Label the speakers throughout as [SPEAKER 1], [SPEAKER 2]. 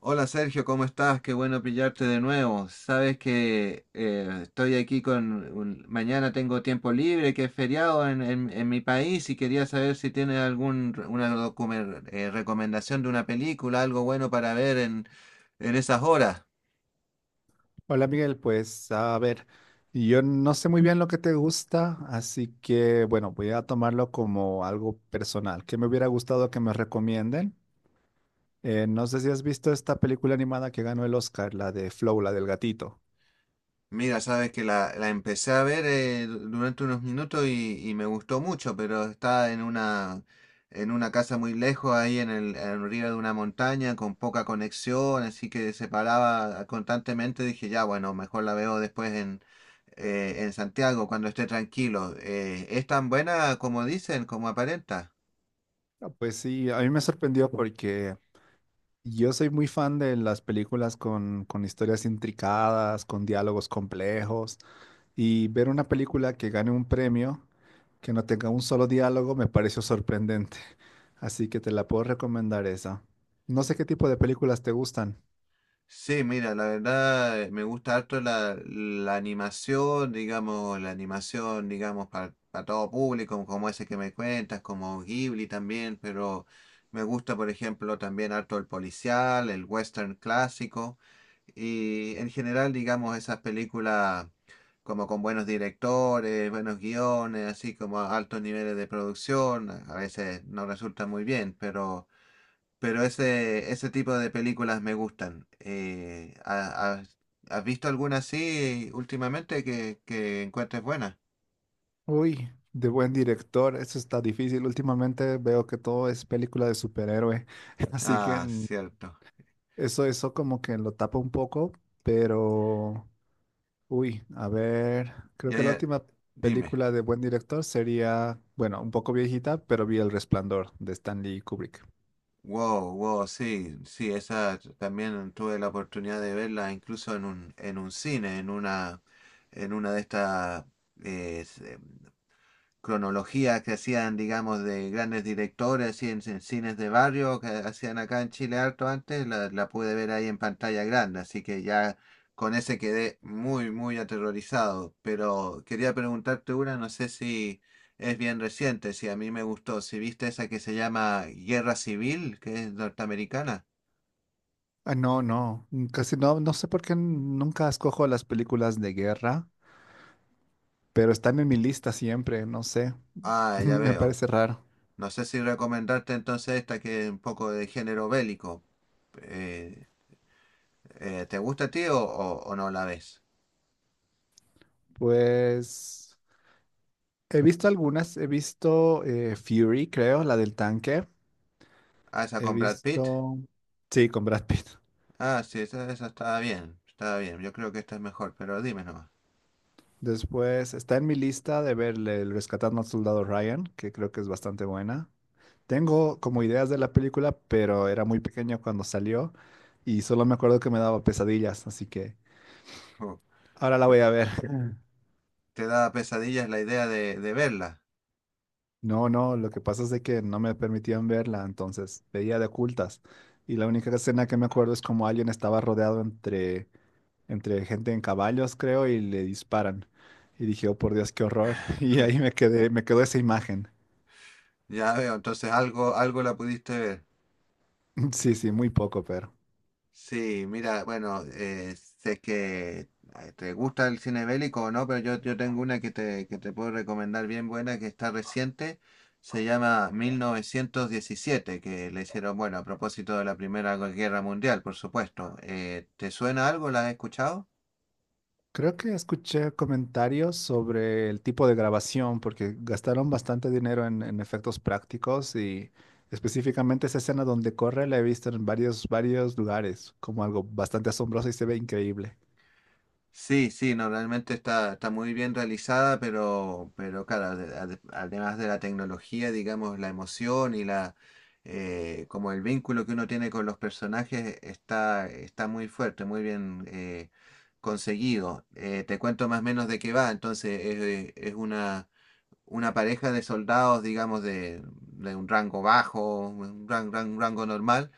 [SPEAKER 1] Hola Sergio, ¿cómo estás? Qué bueno pillarte de nuevo. Sabes que estoy aquí con... mañana tengo tiempo libre, que es feriado en, en mi país y quería saber si tienes algún, una recomendación de una película, algo bueno para ver en esas horas.
[SPEAKER 2] Hola Miguel, pues a ver, yo no sé muy bien lo que te gusta, así que bueno, voy a tomarlo como algo personal, ¿qué me hubiera gustado que me recomienden? No sé si has visto esta película animada que ganó el Oscar, la de Flow, la del gatito.
[SPEAKER 1] Mira, sabes que la empecé a ver durante unos minutos y me gustó mucho, pero está en una casa muy lejos, ahí en el, en río de una montaña, con poca conexión, así que se paraba constantemente. Dije, ya, bueno, mejor la veo después en Santiago, cuando esté tranquilo. ¿Es tan buena como dicen, como aparenta?
[SPEAKER 2] Ah, pues sí, a mí me sorprendió porque yo soy muy fan de las películas con historias intricadas, con diálogos complejos. Y ver una película que gane un premio, que no tenga un solo diálogo, me pareció sorprendente. Así que te la puedo recomendar esa. No sé qué tipo de películas te gustan.
[SPEAKER 1] Sí, mira, la verdad me gusta harto la animación, digamos, para, todo público, como ese que me cuentas, como Ghibli también, pero me gusta, por ejemplo, también harto el policial, el western clásico, y en general, digamos, esas películas como con buenos directores, buenos guiones, así como a altos niveles de producción, a veces no resulta muy bien, pero... Pero ese tipo de películas me gustan. ¿ Has, has visto alguna así últimamente que encuentres buena?
[SPEAKER 2] Uy, de buen director, eso está difícil. Últimamente veo que todo es película de superhéroe. Así que
[SPEAKER 1] Ah,
[SPEAKER 2] mm,
[SPEAKER 1] cierto.
[SPEAKER 2] eso como que lo tapa un poco, pero... Uy, a ver, creo
[SPEAKER 1] Ya,
[SPEAKER 2] que la
[SPEAKER 1] ya,
[SPEAKER 2] última
[SPEAKER 1] dime.
[SPEAKER 2] película de buen director sería, bueno, un poco viejita, pero vi El Resplandor de Stanley Kubrick.
[SPEAKER 1] Wow, wow, sí, sí, esa también tuve la oportunidad de verla incluso en un cine, en una de estas cronologías que hacían, digamos, de grandes directores, y en cines de barrio que hacían acá en Chile harto antes, la pude ver ahí en pantalla grande, así que ya con ese quedé muy, muy aterrorizado. Pero quería preguntarte una, no sé si es bien reciente, si a mí me gustó, si viste esa que se llama Guerra Civil, que es norteamericana.
[SPEAKER 2] Ah, no, no, mm, casi no sé por qué nunca escojo las películas de guerra, pero están en mi lista siempre, no sé,
[SPEAKER 1] Ah, ya
[SPEAKER 2] me
[SPEAKER 1] veo.
[SPEAKER 2] parece raro.
[SPEAKER 1] No sé si recomendarte entonces esta que es un poco de género bélico. Eh, ¿Te gusta a ti o no la ves?
[SPEAKER 2] Pues he visto algunas, he visto Fury, creo, la del tanque,
[SPEAKER 1] Ah, esa
[SPEAKER 2] he
[SPEAKER 1] con Brad Pitt.
[SPEAKER 2] visto, sí, con Brad Pitt.
[SPEAKER 1] Ah, sí, esa estaba bien. Estaba bien. Yo creo que esta es mejor, pero dime nomás.
[SPEAKER 2] Después está en mi lista de ver el Rescatando al Soldado Ryan, que creo que es bastante buena. Tengo como ideas de la película, pero era muy pequeño cuando salió y solo me acuerdo que me daba pesadillas, así que...
[SPEAKER 1] Oh,
[SPEAKER 2] Ahora la
[SPEAKER 1] pe-
[SPEAKER 2] voy a ver.
[SPEAKER 1] ¿te da pesadillas la idea de verla?
[SPEAKER 2] No, no, lo que pasa es de que no me permitían verla, entonces veía de ocultas. Y la única escena que me acuerdo es como alguien estaba rodeado entre gente en caballos, creo, y le disparan. Y dije, oh por Dios, qué horror. Y ahí me quedé, me quedó esa imagen.
[SPEAKER 1] Ya veo, entonces algo, algo la pudiste ver.
[SPEAKER 2] Sí, sí, muy poco, pero.
[SPEAKER 1] Sí, mira, bueno, sé que te gusta el cine bélico o no, pero yo tengo una que te puedo recomendar bien buena, que está reciente, se llama 1917, que le hicieron, bueno, a propósito de la Primera Guerra Mundial, por supuesto. ¿Te suena algo? ¿La has escuchado?
[SPEAKER 2] Creo que escuché comentarios sobre el tipo de grabación, porque gastaron bastante dinero en efectos prácticos y específicamente esa escena donde corre la he visto en varios lugares, como algo bastante asombroso y se ve increíble.
[SPEAKER 1] Sí, sí, no, realmente está, está muy bien realizada, pero claro, además de la tecnología, digamos, la emoción y la como el vínculo que uno tiene con los personajes está, está muy fuerte, muy bien conseguido. Te cuento más o menos de qué va. Entonces, es una pareja de soldados, digamos, de un rango bajo, un rango normal,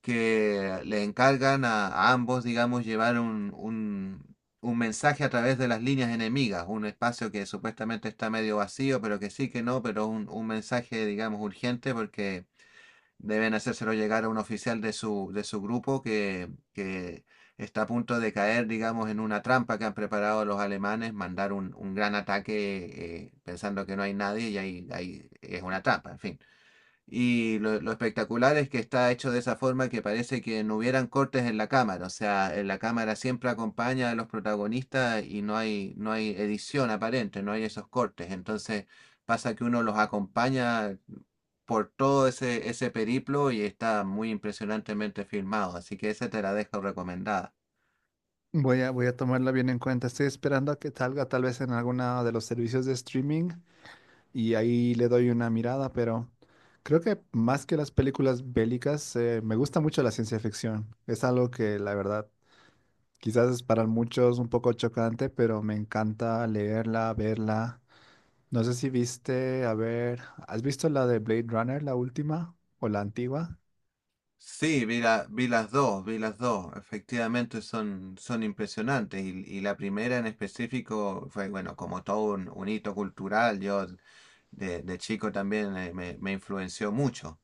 [SPEAKER 1] que le encargan a ambos, digamos, llevar un mensaje a través de las líneas enemigas, un espacio que supuestamente está medio vacío, pero que sí, que no, pero un mensaje, digamos, urgente porque deben hacérselo llegar a un oficial de su grupo que está a punto de caer, digamos, en una trampa que han preparado los alemanes, mandar un gran ataque pensando que no hay nadie y ahí, ahí es una trampa, en fin. Y lo espectacular es que está hecho de esa forma que parece que no hubieran cortes en la cámara. O sea, en la cámara siempre acompaña a los protagonistas y no hay, no hay edición aparente, no hay esos cortes. Entonces pasa que uno los acompaña por todo ese, ese periplo y está muy impresionantemente filmado. Así que esa te la dejo recomendada.
[SPEAKER 2] Voy a tomarla bien en cuenta. Estoy esperando a que salga tal vez en alguno de los servicios de streaming y ahí le doy una mirada, pero creo que más que las películas bélicas, me gusta mucho la ciencia ficción. Es algo que la verdad quizás es para muchos un poco chocante, pero me encanta leerla, verla. No sé si viste, a ver, ¿has visto la de Blade Runner, la última o la antigua?
[SPEAKER 1] Sí, vi la, vi las dos, vi las dos. Efectivamente son, son impresionantes. Y la primera en específico fue, bueno, como todo un hito cultural, yo de chico también me, me influenció mucho.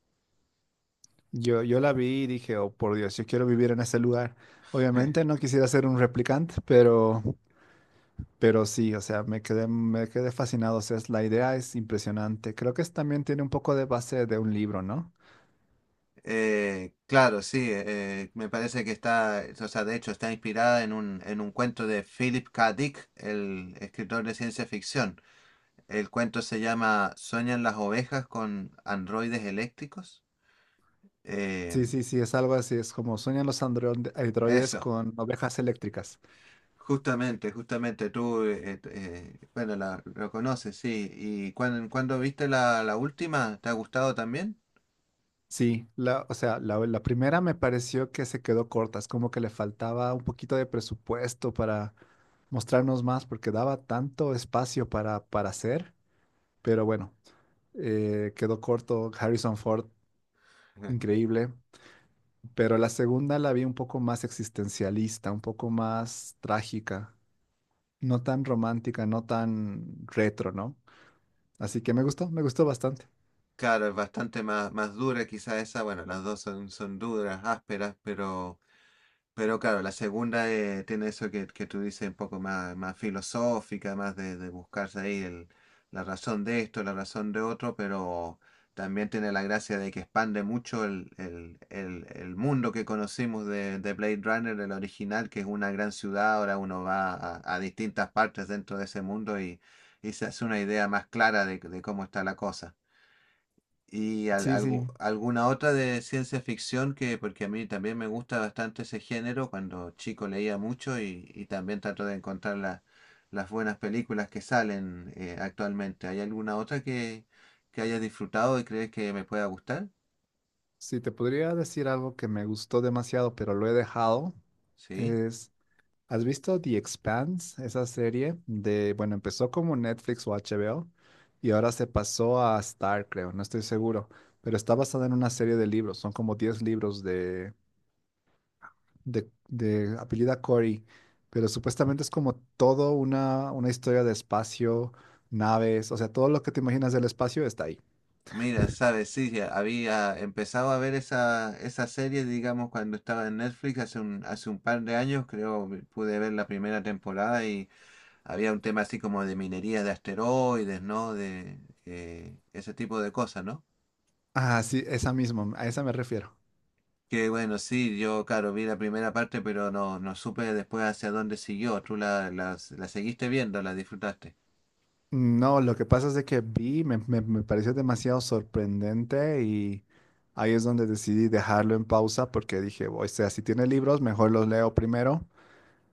[SPEAKER 2] Yo la vi y dije, oh por Dios, yo quiero vivir en ese lugar. Obviamente no quisiera ser un replicante, pero sí, o sea, me quedé fascinado. O sea, es- la idea es impresionante. Creo que es- también tiene un poco de base de un libro, ¿no?
[SPEAKER 1] Claro, sí, me parece que está, o sea, de hecho está inspirada en un cuento de Philip K. Dick, el escritor de ciencia ficción. El cuento se llama ¿Sueñan las ovejas con androides eléctricos? Eh,
[SPEAKER 2] Sí, sí, sí, es algo así, es como sueñan los androides
[SPEAKER 1] eso.
[SPEAKER 2] con ovejas eléctricas.
[SPEAKER 1] Justamente, justamente tú, bueno, la, lo conoces, sí. ¿Y cuándo, cuándo viste la, la última? ¿Te ha gustado también?
[SPEAKER 2] Sí, la, o sea, la primera me pareció que se quedó corta, es como que le faltaba un poquito de presupuesto para mostrarnos más, porque daba tanto espacio para, hacer, pero bueno, quedó corto, Harrison Ford,
[SPEAKER 1] Ujú.
[SPEAKER 2] increíble, pero la segunda la vi un poco más existencialista, un poco más trágica, no tan romántica, no tan retro, ¿no? Así que me gustó bastante.
[SPEAKER 1] Claro, es bastante más, más dura quizá esa. Bueno, las dos son, son duras, ásperas, pero claro, la segunda tiene eso que tú dices un poco más, más filosófica, más de buscarse ahí la razón de esto, la razón de otro, pero también tiene la gracia de que expande mucho el, el mundo que conocimos de Blade Runner, el original, que es una gran ciudad, ahora uno va a distintas partes dentro de ese mundo y se hace una idea más clara de cómo está la cosa. Y
[SPEAKER 2] Sí, sí.
[SPEAKER 1] alguna otra de ciencia ficción que, porque a mí también me gusta bastante ese género, cuando chico leía mucho y también trato de encontrar las buenas películas que salen actualmente. ¿Hay alguna otra que hayas disfrutado y crees que me pueda gustar?
[SPEAKER 2] Si te podría decir algo que me gustó demasiado, pero lo he dejado,
[SPEAKER 1] Sí.
[SPEAKER 2] es, ¿has visto The Expanse? Esa serie de, bueno, empezó como Netflix o HBO y ahora se pasó a Star, creo, no estoy seguro, pero está basada en una serie de libros, son como 10 libros de, de apellida Corey, pero supuestamente es como todo una historia de espacio, naves, o sea, todo lo que te imaginas del espacio está ahí.
[SPEAKER 1] Mira, sabes, sí, ya había empezado a ver esa, esa serie, digamos, cuando estaba en Netflix hace un par de años, creo, pude ver la primera temporada. Había un tema así como de minería de asteroides, ¿no? De ese tipo de cosas, ¿no?
[SPEAKER 2] Ah, sí, esa misma, a esa me refiero.
[SPEAKER 1] Que bueno, sí, yo, claro, vi la primera parte, pero no, no supe después hacia dónde siguió. ¿Tú la, la, la seguiste viendo, la disfrutaste?
[SPEAKER 2] No, lo que pasa es de que vi, me pareció demasiado sorprendente y ahí es donde decidí dejarlo en pausa porque dije, o sea, si tiene libros, mejor los leo primero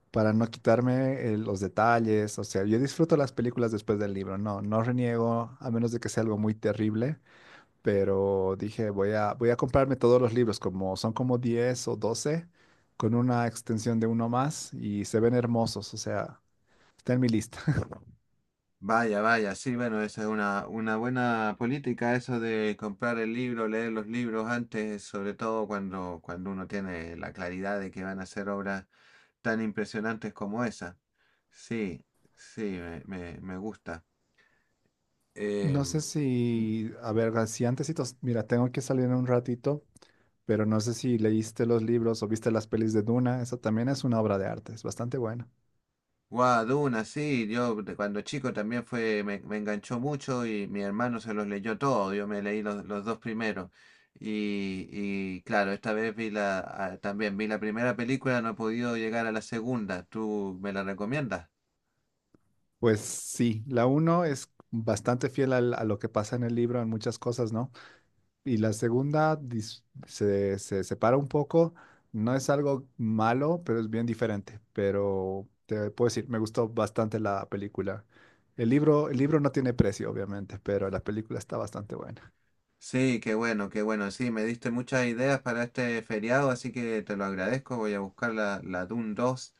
[SPEAKER 2] para no quitarme los detalles. O sea, yo disfruto las películas después del libro, no, no reniego, a menos de que sea algo muy terrible, pero dije, voy a comprarme todos los libros, como son como 10 o 12 con una extensión de uno más y se ven hermosos, o sea, está en mi lista.
[SPEAKER 1] Vaya, vaya, sí, bueno, esa es una buena política, eso de comprar el libro, leer los libros antes, sobre todo cuando, cuando uno tiene la claridad de que van a ser obras tan impresionantes como esa. Sí, sí, me gusta.
[SPEAKER 2] No sé
[SPEAKER 1] Em,
[SPEAKER 2] si, a ver, así antesitos, mira, tengo que salir en un ratito, pero no sé si leíste los libros o viste las pelis de Duna, esa también es una obra de arte, es bastante buena.
[SPEAKER 1] Guau, Duna, sí, yo de cuando chico también fue, me enganchó mucho y mi hermano se los leyó todos, yo me leí los dos primeros. Y claro, esta vez vi la, ah, también vi la primera película, no he podido llegar a la segunda, ¿tú me la recomiendas?
[SPEAKER 2] Pues sí, la uno es bastante fiel al- a lo que pasa en el libro en muchas cosas, ¿no? Y la segunda se se separa un poco, no es algo malo, pero es bien diferente, pero te puedo decir, me gustó bastante la película. El libro no tiene precio, obviamente, pero la película está bastante buena.
[SPEAKER 1] Sí, qué bueno, qué bueno. Sí, me diste muchas ideas para este feriado, así que te lo agradezco. Voy a buscar la, la Dune 2,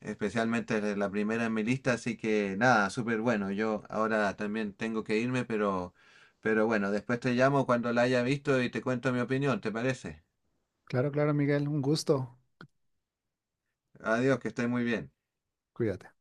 [SPEAKER 1] especialmente la la primera en mi lista, así que nada, súper bueno. Yo ahora también tengo que irme, pero bueno, después te llamo cuando la haya visto y te cuento mi opinión, ¿te parece?
[SPEAKER 2] Claro, claro, Miguel, un gusto.
[SPEAKER 1] Adiós, que estés muy bien.
[SPEAKER 2] Cuídate.